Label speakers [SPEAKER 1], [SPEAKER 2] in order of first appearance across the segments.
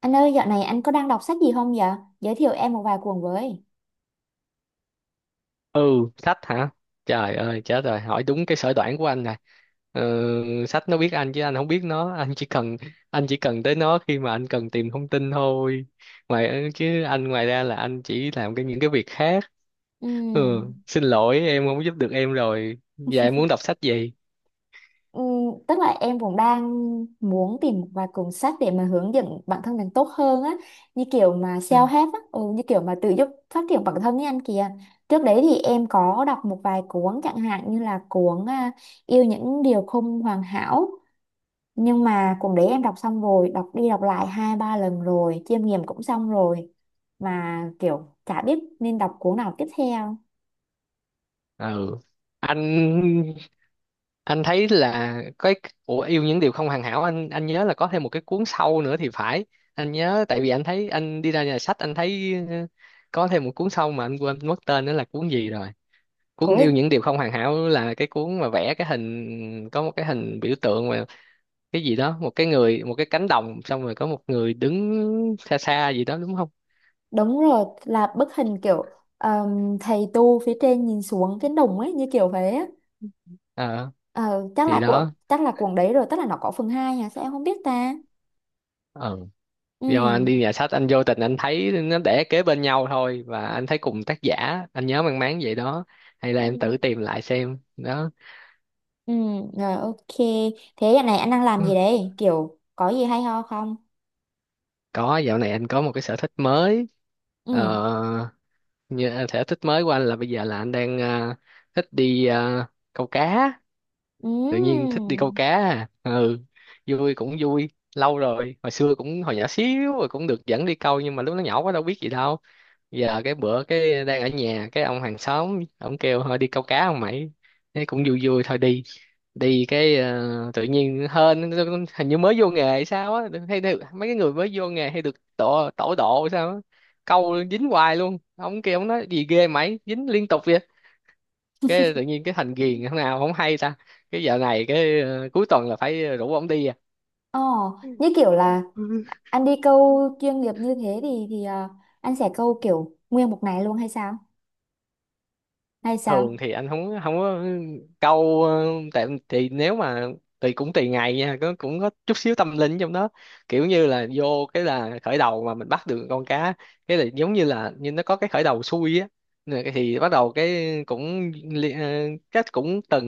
[SPEAKER 1] Anh ơi, dạo này anh có đang đọc sách gì không vậy? Giới thiệu em một vài cuốn với.
[SPEAKER 2] Ừ, sách hả? Trời ơi chết rồi, hỏi đúng cái sở đoản của anh này. Ừ, sách nó biết anh chứ anh không biết nó. Anh chỉ cần tới nó khi mà anh cần tìm thông tin thôi. Ngoài chứ anh ngoài ra là anh chỉ làm cái những cái việc khác. Ừ,
[SPEAKER 1] Ừm,
[SPEAKER 2] xin lỗi em không giúp được em rồi. Và em muốn đọc sách gì?
[SPEAKER 1] tức là em cũng đang muốn tìm một vài cuốn sách để mà hướng dẫn bản thân mình tốt hơn á, như kiểu mà
[SPEAKER 2] Ừ.
[SPEAKER 1] self-help á, ừ, như kiểu mà tự giúp phát triển bản thân với anh kìa. Trước đấy thì em có đọc một vài cuốn chẳng hạn như là cuốn Yêu những điều không hoàn hảo. Nhưng mà cuốn đấy em đọc xong rồi, đọc đi đọc lại hai ba lần rồi, chiêm nghiệm cũng xong rồi. Mà kiểu chả biết nên đọc cuốn nào tiếp theo.
[SPEAKER 2] Ừ. anh anh thấy là cái của yêu những điều không hoàn hảo, anh nhớ là có thêm một cái cuốn sau nữa thì phải. Anh nhớ tại vì anh thấy anh đi ra nhà sách, anh thấy có thêm một cuốn sau mà anh quên mất tên nữa là cuốn gì rồi. Cuốn
[SPEAKER 1] Ôi,
[SPEAKER 2] yêu những điều không hoàn hảo là cái cuốn mà vẽ cái hình, có một cái hình biểu tượng mà cái gì đó, một cái người, một cái cánh đồng, xong rồi có một người đứng xa xa gì đó, đúng không?
[SPEAKER 1] đúng rồi, là bức hình kiểu thầy tu phía trên nhìn xuống cái đồng ấy như kiểu thế á.
[SPEAKER 2] Ờ,
[SPEAKER 1] Ờ, chắc
[SPEAKER 2] thì
[SPEAKER 1] là của
[SPEAKER 2] đó.
[SPEAKER 1] chắc là cuộn đấy rồi, tức là nó có phần 2 à, sao em không biết ta?
[SPEAKER 2] Ờ. Do
[SPEAKER 1] Ừ.
[SPEAKER 2] anh đi nhà sách anh vô tình anh thấy nó để kế bên nhau thôi, và anh thấy cùng tác giả. Anh nhớ mang máng vậy đó, hay là
[SPEAKER 1] Ừ.
[SPEAKER 2] em tự tìm lại xem đó.
[SPEAKER 1] Ừ, rồi ok. Thế giờ này anh đang làm
[SPEAKER 2] Ừ.
[SPEAKER 1] gì đấy? Kiểu có gì hay ho không?
[SPEAKER 2] Có, dạo này anh có một cái sở thích mới.
[SPEAKER 1] Ừ.
[SPEAKER 2] ờ, Như sở thích mới của anh là bây giờ là anh đang thích đi câu cá.
[SPEAKER 1] Ừ.
[SPEAKER 2] Tự nhiên thích đi câu cá à. Ừ, vui cũng vui. Lâu rồi, hồi xưa cũng hồi nhỏ xíu rồi cũng được dẫn đi câu, nhưng mà lúc nó nhỏ quá đâu biết gì đâu. Giờ cái bữa cái đang ở nhà, cái ông hàng xóm ông kêu thôi đi câu cá không mày. Thế cũng vui, vui thôi đi. Đi cái tự nhiên hên, hình như mới vô nghề hay sao á, hay được mấy cái người mới vô nghề hay được tổ tổ độ sao á, câu dính hoài luôn. Ông kia ông nói gì ghê mày dính liên tục vậy. Cái tự nhiên cái thành ghiền thế nào không hay ta. Cái giờ này cái cuối tuần là phải rủ ông đi à.
[SPEAKER 1] Ồ, như kiểu là anh đi câu chuyên nghiệp như thế thì anh sẽ câu kiểu nguyên một ngày luôn hay sao? Hay
[SPEAKER 2] Thường
[SPEAKER 1] sao?
[SPEAKER 2] thì anh không, không có. Câu tại thì nếu mà tùy, cũng tùy ngày nha. Có, cũng có chút xíu tâm linh trong đó. Kiểu như là vô cái là khởi đầu mà mình bắt được con cá, cái là giống như là như nó có cái khởi đầu xui á. Rồi cái thì bắt đầu cái cũng cách cũng từng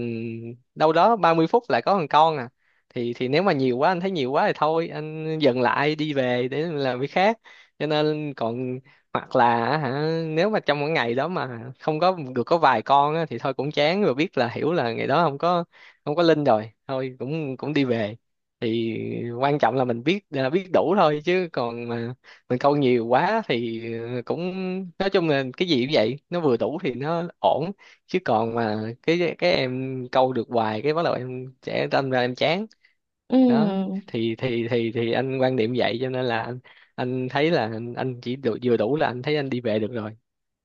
[SPEAKER 2] đâu đó 30 phút lại có thằng con à. Thì nếu mà nhiều quá, anh thấy nhiều quá thì thôi anh dừng lại đi về để làm việc khác. Cho nên còn hoặc là hả, nếu mà trong một ngày đó mà không có được có vài con á, thì thôi cũng chán rồi, biết là, hiểu là ngày đó không có, không có linh rồi, thôi cũng cũng đi về. Thì quan trọng là mình biết là biết đủ thôi. Chứ còn mà mình câu nhiều quá thì cũng, nói chung là cái gì cũng vậy, nó vừa đủ thì nó ổn. Chứ còn mà cái em câu được hoài cái bắt đầu em sẽ đâm ra em chán.
[SPEAKER 1] Ừ.
[SPEAKER 2] Đó, thì anh quan điểm vậy cho nên là anh thấy là anh chỉ đủ, vừa đủ là anh thấy anh đi về được rồi.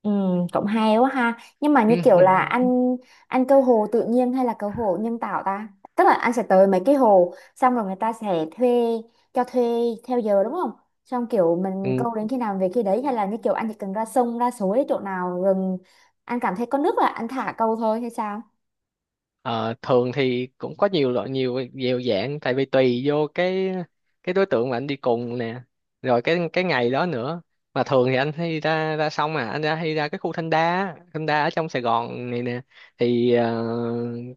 [SPEAKER 1] Ừ, cũng hay quá ha. Nhưng mà như kiểu là anh câu hồ tự nhiên hay là câu hồ nhân tạo ta? Tức là anh sẽ tới mấy cái hồ xong rồi người ta sẽ thuê cho thuê theo giờ đúng không? Xong kiểu mình
[SPEAKER 2] Ừ.
[SPEAKER 1] câu đến khi nào về khi đấy hay là như kiểu anh chỉ cần ra sông ra suối chỗ nào rừng anh cảm thấy có nước là anh thả câu thôi hay sao?
[SPEAKER 2] Ờ, thường thì cũng có nhiều loại, nhiều nhiều dạng, tại vì tùy vô cái đối tượng mà anh đi cùng nè, rồi cái ngày đó nữa. Mà thường thì anh hay ra ra xong à, anh ra hay ra cái khu Thanh Đa á, Thanh Đa ở trong Sài Gòn này nè. Thì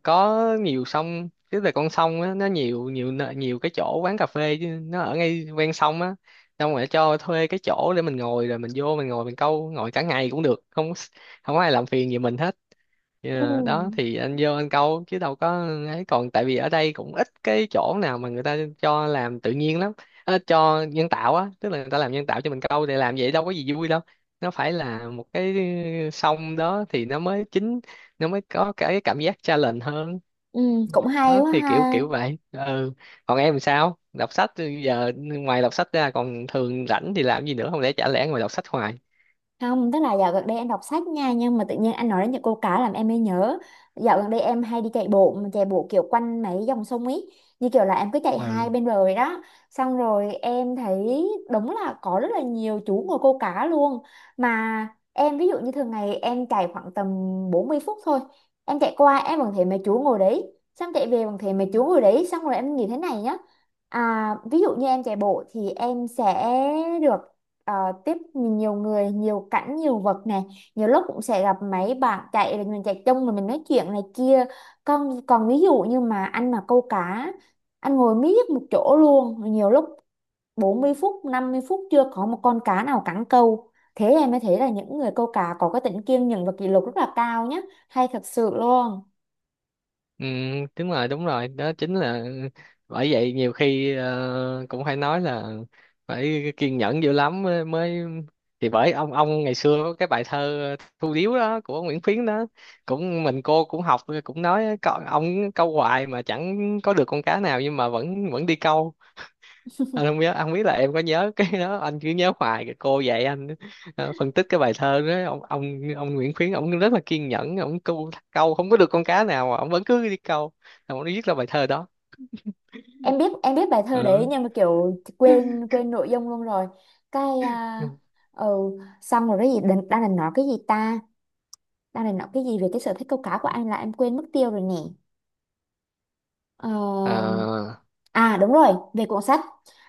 [SPEAKER 2] có nhiều sông, tức là con sông á, nó nhiều, nhiều cái chỗ quán cà phê chứ, nó ở ngay ven sông á. Xong rồi cho thuê cái chỗ để mình ngồi, rồi mình vô mình ngồi mình câu, ngồi cả ngày cũng được, không không có ai làm phiền gì mình hết.
[SPEAKER 1] Ừ.
[SPEAKER 2] Ờ, đó thì anh vô anh câu chứ đâu có ấy, còn tại vì ở đây cũng ít cái chỗ nào mà người ta cho làm tự nhiên lắm. Ờ, cho nhân tạo á, tức là người ta làm nhân tạo cho mình câu để làm vậy đâu có gì vui đâu. Nó phải là một cái sông đó thì nó mới chính, nó mới có cái cảm giác challenge hơn.
[SPEAKER 1] Ừ, cũng hay
[SPEAKER 2] Đó
[SPEAKER 1] quá
[SPEAKER 2] thì kiểu
[SPEAKER 1] ha.
[SPEAKER 2] kiểu vậy. Ừ, còn em sao, đọc sách. Giờ ngoài đọc sách ra còn thường rảnh thì làm gì nữa, không lẽ chả lẽ ngồi đọc sách hoài.
[SPEAKER 1] Không, tức là dạo gần đây em đọc sách nha. Nhưng mà tự nhiên anh nói đến những câu cá làm em mới nhớ. Dạo gần đây em hay đi chạy bộ mà. Chạy bộ kiểu quanh mấy dòng sông ấy. Như kiểu là em cứ chạy hai bên bờ rồi đó. Xong rồi em thấy đúng là có rất là nhiều chú ngồi câu cá luôn. Mà em ví dụ như thường ngày em chạy khoảng tầm 40 phút thôi. Em chạy qua em vẫn thấy mấy chú ngồi đấy. Xong chạy về vẫn thấy mấy chú ngồi đấy. Xong rồi em nghĩ thế này nhá. À, ví dụ như em chạy bộ thì em sẽ được ờ, tiếp nhiều người, nhiều cảnh, nhiều vật này. Nhiều lúc cũng sẽ gặp mấy bạn chạy là mình chạy chung mà mình nói chuyện này kia. Còn còn ví dụ như mà anh mà câu cá, anh ngồi miết một chỗ luôn, nhiều lúc 40 phút, 50 phút chưa có một con cá nào cắn câu. Thế em mới thấy là những người câu cá có cái tính kiên nhẫn và kỷ luật rất là cao nhé, hay thật sự luôn.
[SPEAKER 2] Ừ, đúng rồi, đúng rồi, đó chính là, bởi vậy nhiều khi cũng phải nói là phải kiên nhẫn dữ lắm mới, mới, thì bởi ông ngày xưa có cái bài thơ Thu Điếu đó, của Nguyễn Khuyến đó, cũng mình cô cũng học cũng nói, "Có- ông câu hoài mà chẳng có được con cá nào nhưng mà vẫn vẫn đi câu." Anh không nhớ, anh không biết là em có nhớ cái đó, anh cứ nhớ hoài cái cô dạy anh phân tích cái bài thơ đó. Ông Nguyễn Khuyến ông rất là kiên nhẫn, ông câu câu không có được con cá nào mà ông vẫn cứ đi câu. Rồi ông viết ra bài thơ đó.
[SPEAKER 1] Em biết em biết bài thơ đấy
[SPEAKER 2] Ừ.
[SPEAKER 1] nhưng mà kiểu quên quên nội dung luôn rồi. cái à, ừ, Xong rồi cái gì đang định nói cái gì ta, đang định nói cái gì về cái sở thích câu cá của anh là em quên mất tiêu rồi nè. Ờ,
[SPEAKER 2] Ờ.
[SPEAKER 1] à đúng rồi, về cuốn sách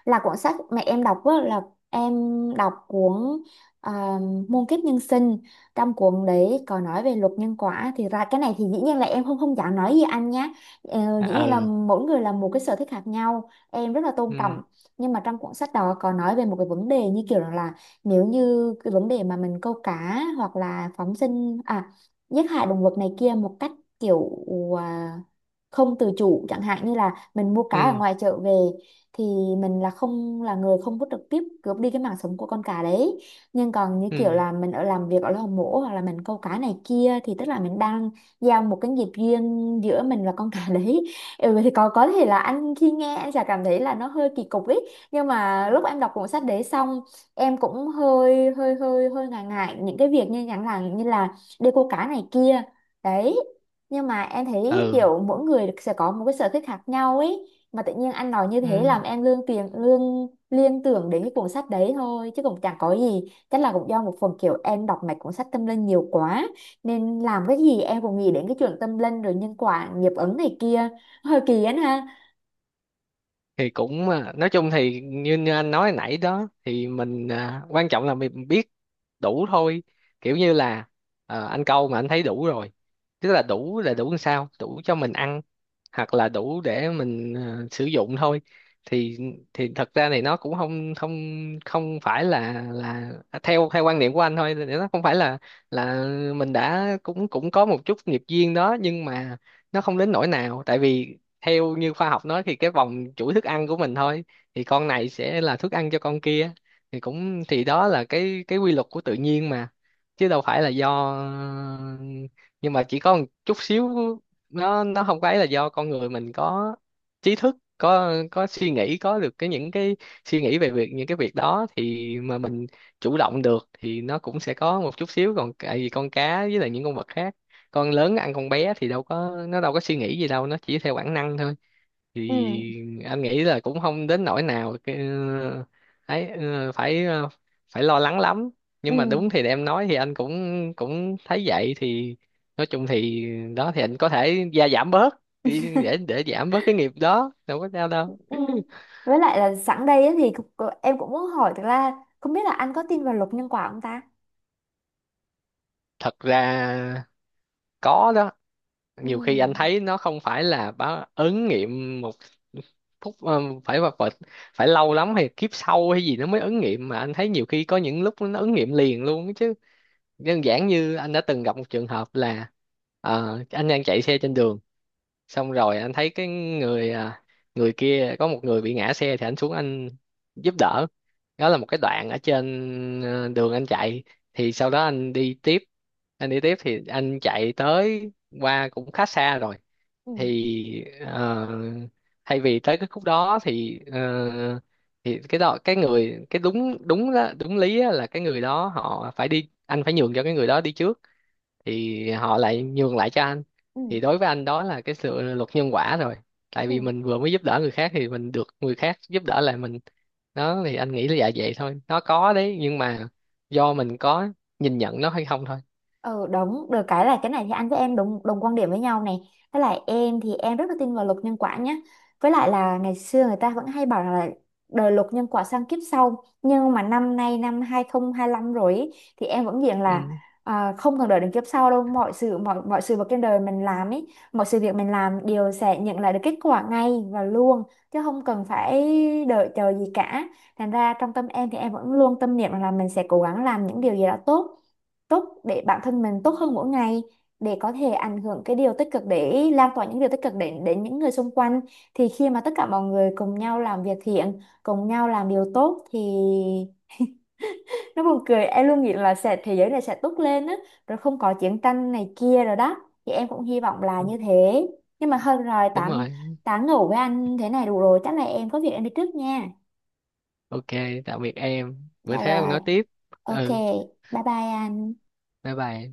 [SPEAKER 1] là cuốn sách mẹ em đọc á, là em đọc cuốn à, Muôn kiếp nhân sinh, trong cuốn đấy có nói về luật nhân quả. Thì ra cái này thì dĩ nhiên là em không không dám nói gì anh nhé. Ờ, dĩ
[SPEAKER 2] À,
[SPEAKER 1] nhiên là
[SPEAKER 2] ừ.
[SPEAKER 1] mỗi người là một cái sở thích khác nhau, em rất là tôn
[SPEAKER 2] Ừ.
[SPEAKER 1] trọng. Nhưng mà trong cuốn sách đó có nói về một cái vấn đề như kiểu là nếu như cái vấn đề mà mình câu cá hoặc là phóng sinh à, giết hại động vật này kia một cách kiểu à, không tự chủ, chẳng hạn như là mình mua cá ở
[SPEAKER 2] Ừ.
[SPEAKER 1] ngoài chợ về thì mình là không là người không có trực tiếp cướp đi cái mạng sống của con cá đấy. Nhưng còn như kiểu
[SPEAKER 2] Ừ.
[SPEAKER 1] là mình ở làm việc ở lò mổ hoặc là mình câu cá này kia thì tức là mình đang giao một cái nghiệp riêng giữa mình và con cá đấy. Ừ, vậy thì có thể là anh khi nghe anh sẽ cảm thấy là nó hơi kỳ cục ấy, nhưng mà lúc em đọc cuốn sách đấy xong em cũng hơi hơi hơi hơi ngại ngại những cái việc như chẳng là như là đi câu cá này kia đấy. Nhưng mà em thấy
[SPEAKER 2] Ừ.
[SPEAKER 1] kiểu mỗi người sẽ có một cái sở thích khác nhau ấy, mà tự nhiên anh nói như thế
[SPEAKER 2] Ừ.
[SPEAKER 1] làm em lương tiền lương liên tưởng đến cái cuốn sách đấy thôi, chứ cũng chẳng có gì, chắc là cũng do một phần kiểu em đọc mấy cuốn sách tâm linh nhiều quá nên làm cái gì em cũng nghĩ đến cái chuyện tâm linh rồi nhân quả nghiệp ứng này kia hơi kỳ ấy ha.
[SPEAKER 2] Thì cũng à, nói chung thì như, như anh nói nãy đó, thì mình à, quan trọng là mình biết đủ thôi. Kiểu như là anh câu mà anh thấy đủ rồi, tức là đủ, là đủ làm sao đủ cho mình ăn hoặc là đủ để mình sử dụng thôi. thì thì thật ra này nó cũng không, không phải là, theo theo quan niệm của anh thôi thì nó không phải là, mình đã cũng cũng có một chút nghiệp duyên đó, nhưng mà nó không đến nỗi nào. Tại vì theo như khoa học nói thì cái vòng chuỗi thức ăn của mình thôi, thì con này sẽ là thức ăn cho con kia, thì cũng, thì đó là cái quy luật của tự nhiên mà, chứ đâu phải là do. Nhưng mà chỉ có một chút xíu, nó không có ấy, là do con người mình có trí thức, có suy nghĩ, có được cái những cái suy nghĩ về việc những cái việc đó, thì mà mình chủ động được thì nó cũng sẽ có một chút xíu. Còn tại vì con cá với lại những con vật khác, con lớn ăn con bé, thì đâu có, nó đâu có suy nghĩ gì đâu, nó chỉ theo bản năng thôi.
[SPEAKER 1] Ừ.
[SPEAKER 2] Thì anh nghĩ là cũng không đến nỗi nào cái ấy phải phải lo lắng lắm. Nhưng mà đúng
[SPEAKER 1] Ừ.
[SPEAKER 2] thì em nói thì anh cũng cũng thấy vậy. Thì nói chung thì đó, thì anh có thể gia giảm bớt đi để giảm bớt cái nghiệp đó, đâu có sao đâu.
[SPEAKER 1] Ừ. Với lại là sẵn đây á thì em cũng muốn hỏi, thực ra không biết là anh có tin vào luật nhân quả không ta.
[SPEAKER 2] Thật ra có đó.
[SPEAKER 1] Ừ.
[SPEAKER 2] Nhiều khi anh thấy nó không phải là báo ứng nghiệm một phút, phải vật vật phải lâu lắm hay kiếp sau hay gì nó mới ứng nghiệm, mà anh thấy nhiều khi có những lúc nó ứng nghiệm liền luôn chứ. Đơn giản như anh đã từng gặp một trường hợp là anh đang chạy xe trên đường, xong rồi anh thấy cái người người kia, có một người bị ngã xe, thì anh xuống anh giúp đỡ. Đó là một cái đoạn ở trên đường anh chạy. Thì sau đó anh đi tiếp, anh đi tiếp thì anh chạy tới qua cũng khá xa rồi.
[SPEAKER 1] Ừ.
[SPEAKER 2] Thì thay vì tới cái khúc đó thì thì cái đó cái người cái đúng đúng đó, đúng lý á là cái người đó họ phải đi, anh phải nhường cho cái người đó đi trước, thì họ lại nhường lại cho anh.
[SPEAKER 1] Ừ.
[SPEAKER 2] Thì đối với anh đó là cái sự luật nhân quả rồi. Tại vì
[SPEAKER 1] Ừ.
[SPEAKER 2] mình vừa mới giúp đỡ người khác thì mình được người khác giúp đỡ lại mình. Đó, thì anh nghĩ là dạ vậy thôi, nó có đấy, nhưng mà do mình có nhìn nhận nó hay không thôi.
[SPEAKER 1] Ừ đúng, được cái là cái này thì anh với em đồng đồng quan điểm với nhau này. Với lại em thì em rất là tin vào luật nhân quả nhé. Với lại là ngày xưa người ta vẫn hay bảo là đời luật nhân quả sang kiếp sau. Nhưng mà năm nay năm 2025 rồi ý, thì em vẫn diện là
[SPEAKER 2] Ừ,
[SPEAKER 1] không cần đợi đến kiếp sau đâu. Mọi sự vật trên đời mình làm ấy, mọi sự việc mình làm đều sẽ nhận lại được kết quả ngay và luôn, chứ không cần phải đợi chờ gì cả. Thành ra trong tâm em thì em vẫn luôn tâm niệm là mình sẽ cố gắng làm những điều gì đó tốt tốt để bản thân mình tốt hơn mỗi ngày, để có thể ảnh hưởng cái điều tích cực, để lan tỏa những điều tích cực đến đến những người xung quanh. Thì khi mà tất cả mọi người cùng nhau làm việc thiện, cùng nhau làm điều tốt thì nó buồn cười, em luôn nghĩ là sẽ thế giới này sẽ tốt lên á, rồi không có chiến tranh này kia rồi đó, thì em cũng hy vọng là như thế. Nhưng mà hơn rồi,
[SPEAKER 2] đúng
[SPEAKER 1] tám
[SPEAKER 2] rồi.
[SPEAKER 1] tám ngủ với anh thế này đủ rồi, chắc là em có việc em đi trước nha.
[SPEAKER 2] OK, tạm biệt em, bữa
[SPEAKER 1] Dạ
[SPEAKER 2] khác mình
[SPEAKER 1] rồi.
[SPEAKER 2] nói tiếp.
[SPEAKER 1] Ok.
[SPEAKER 2] Ừ,
[SPEAKER 1] Bye bye anh.
[SPEAKER 2] bye bye.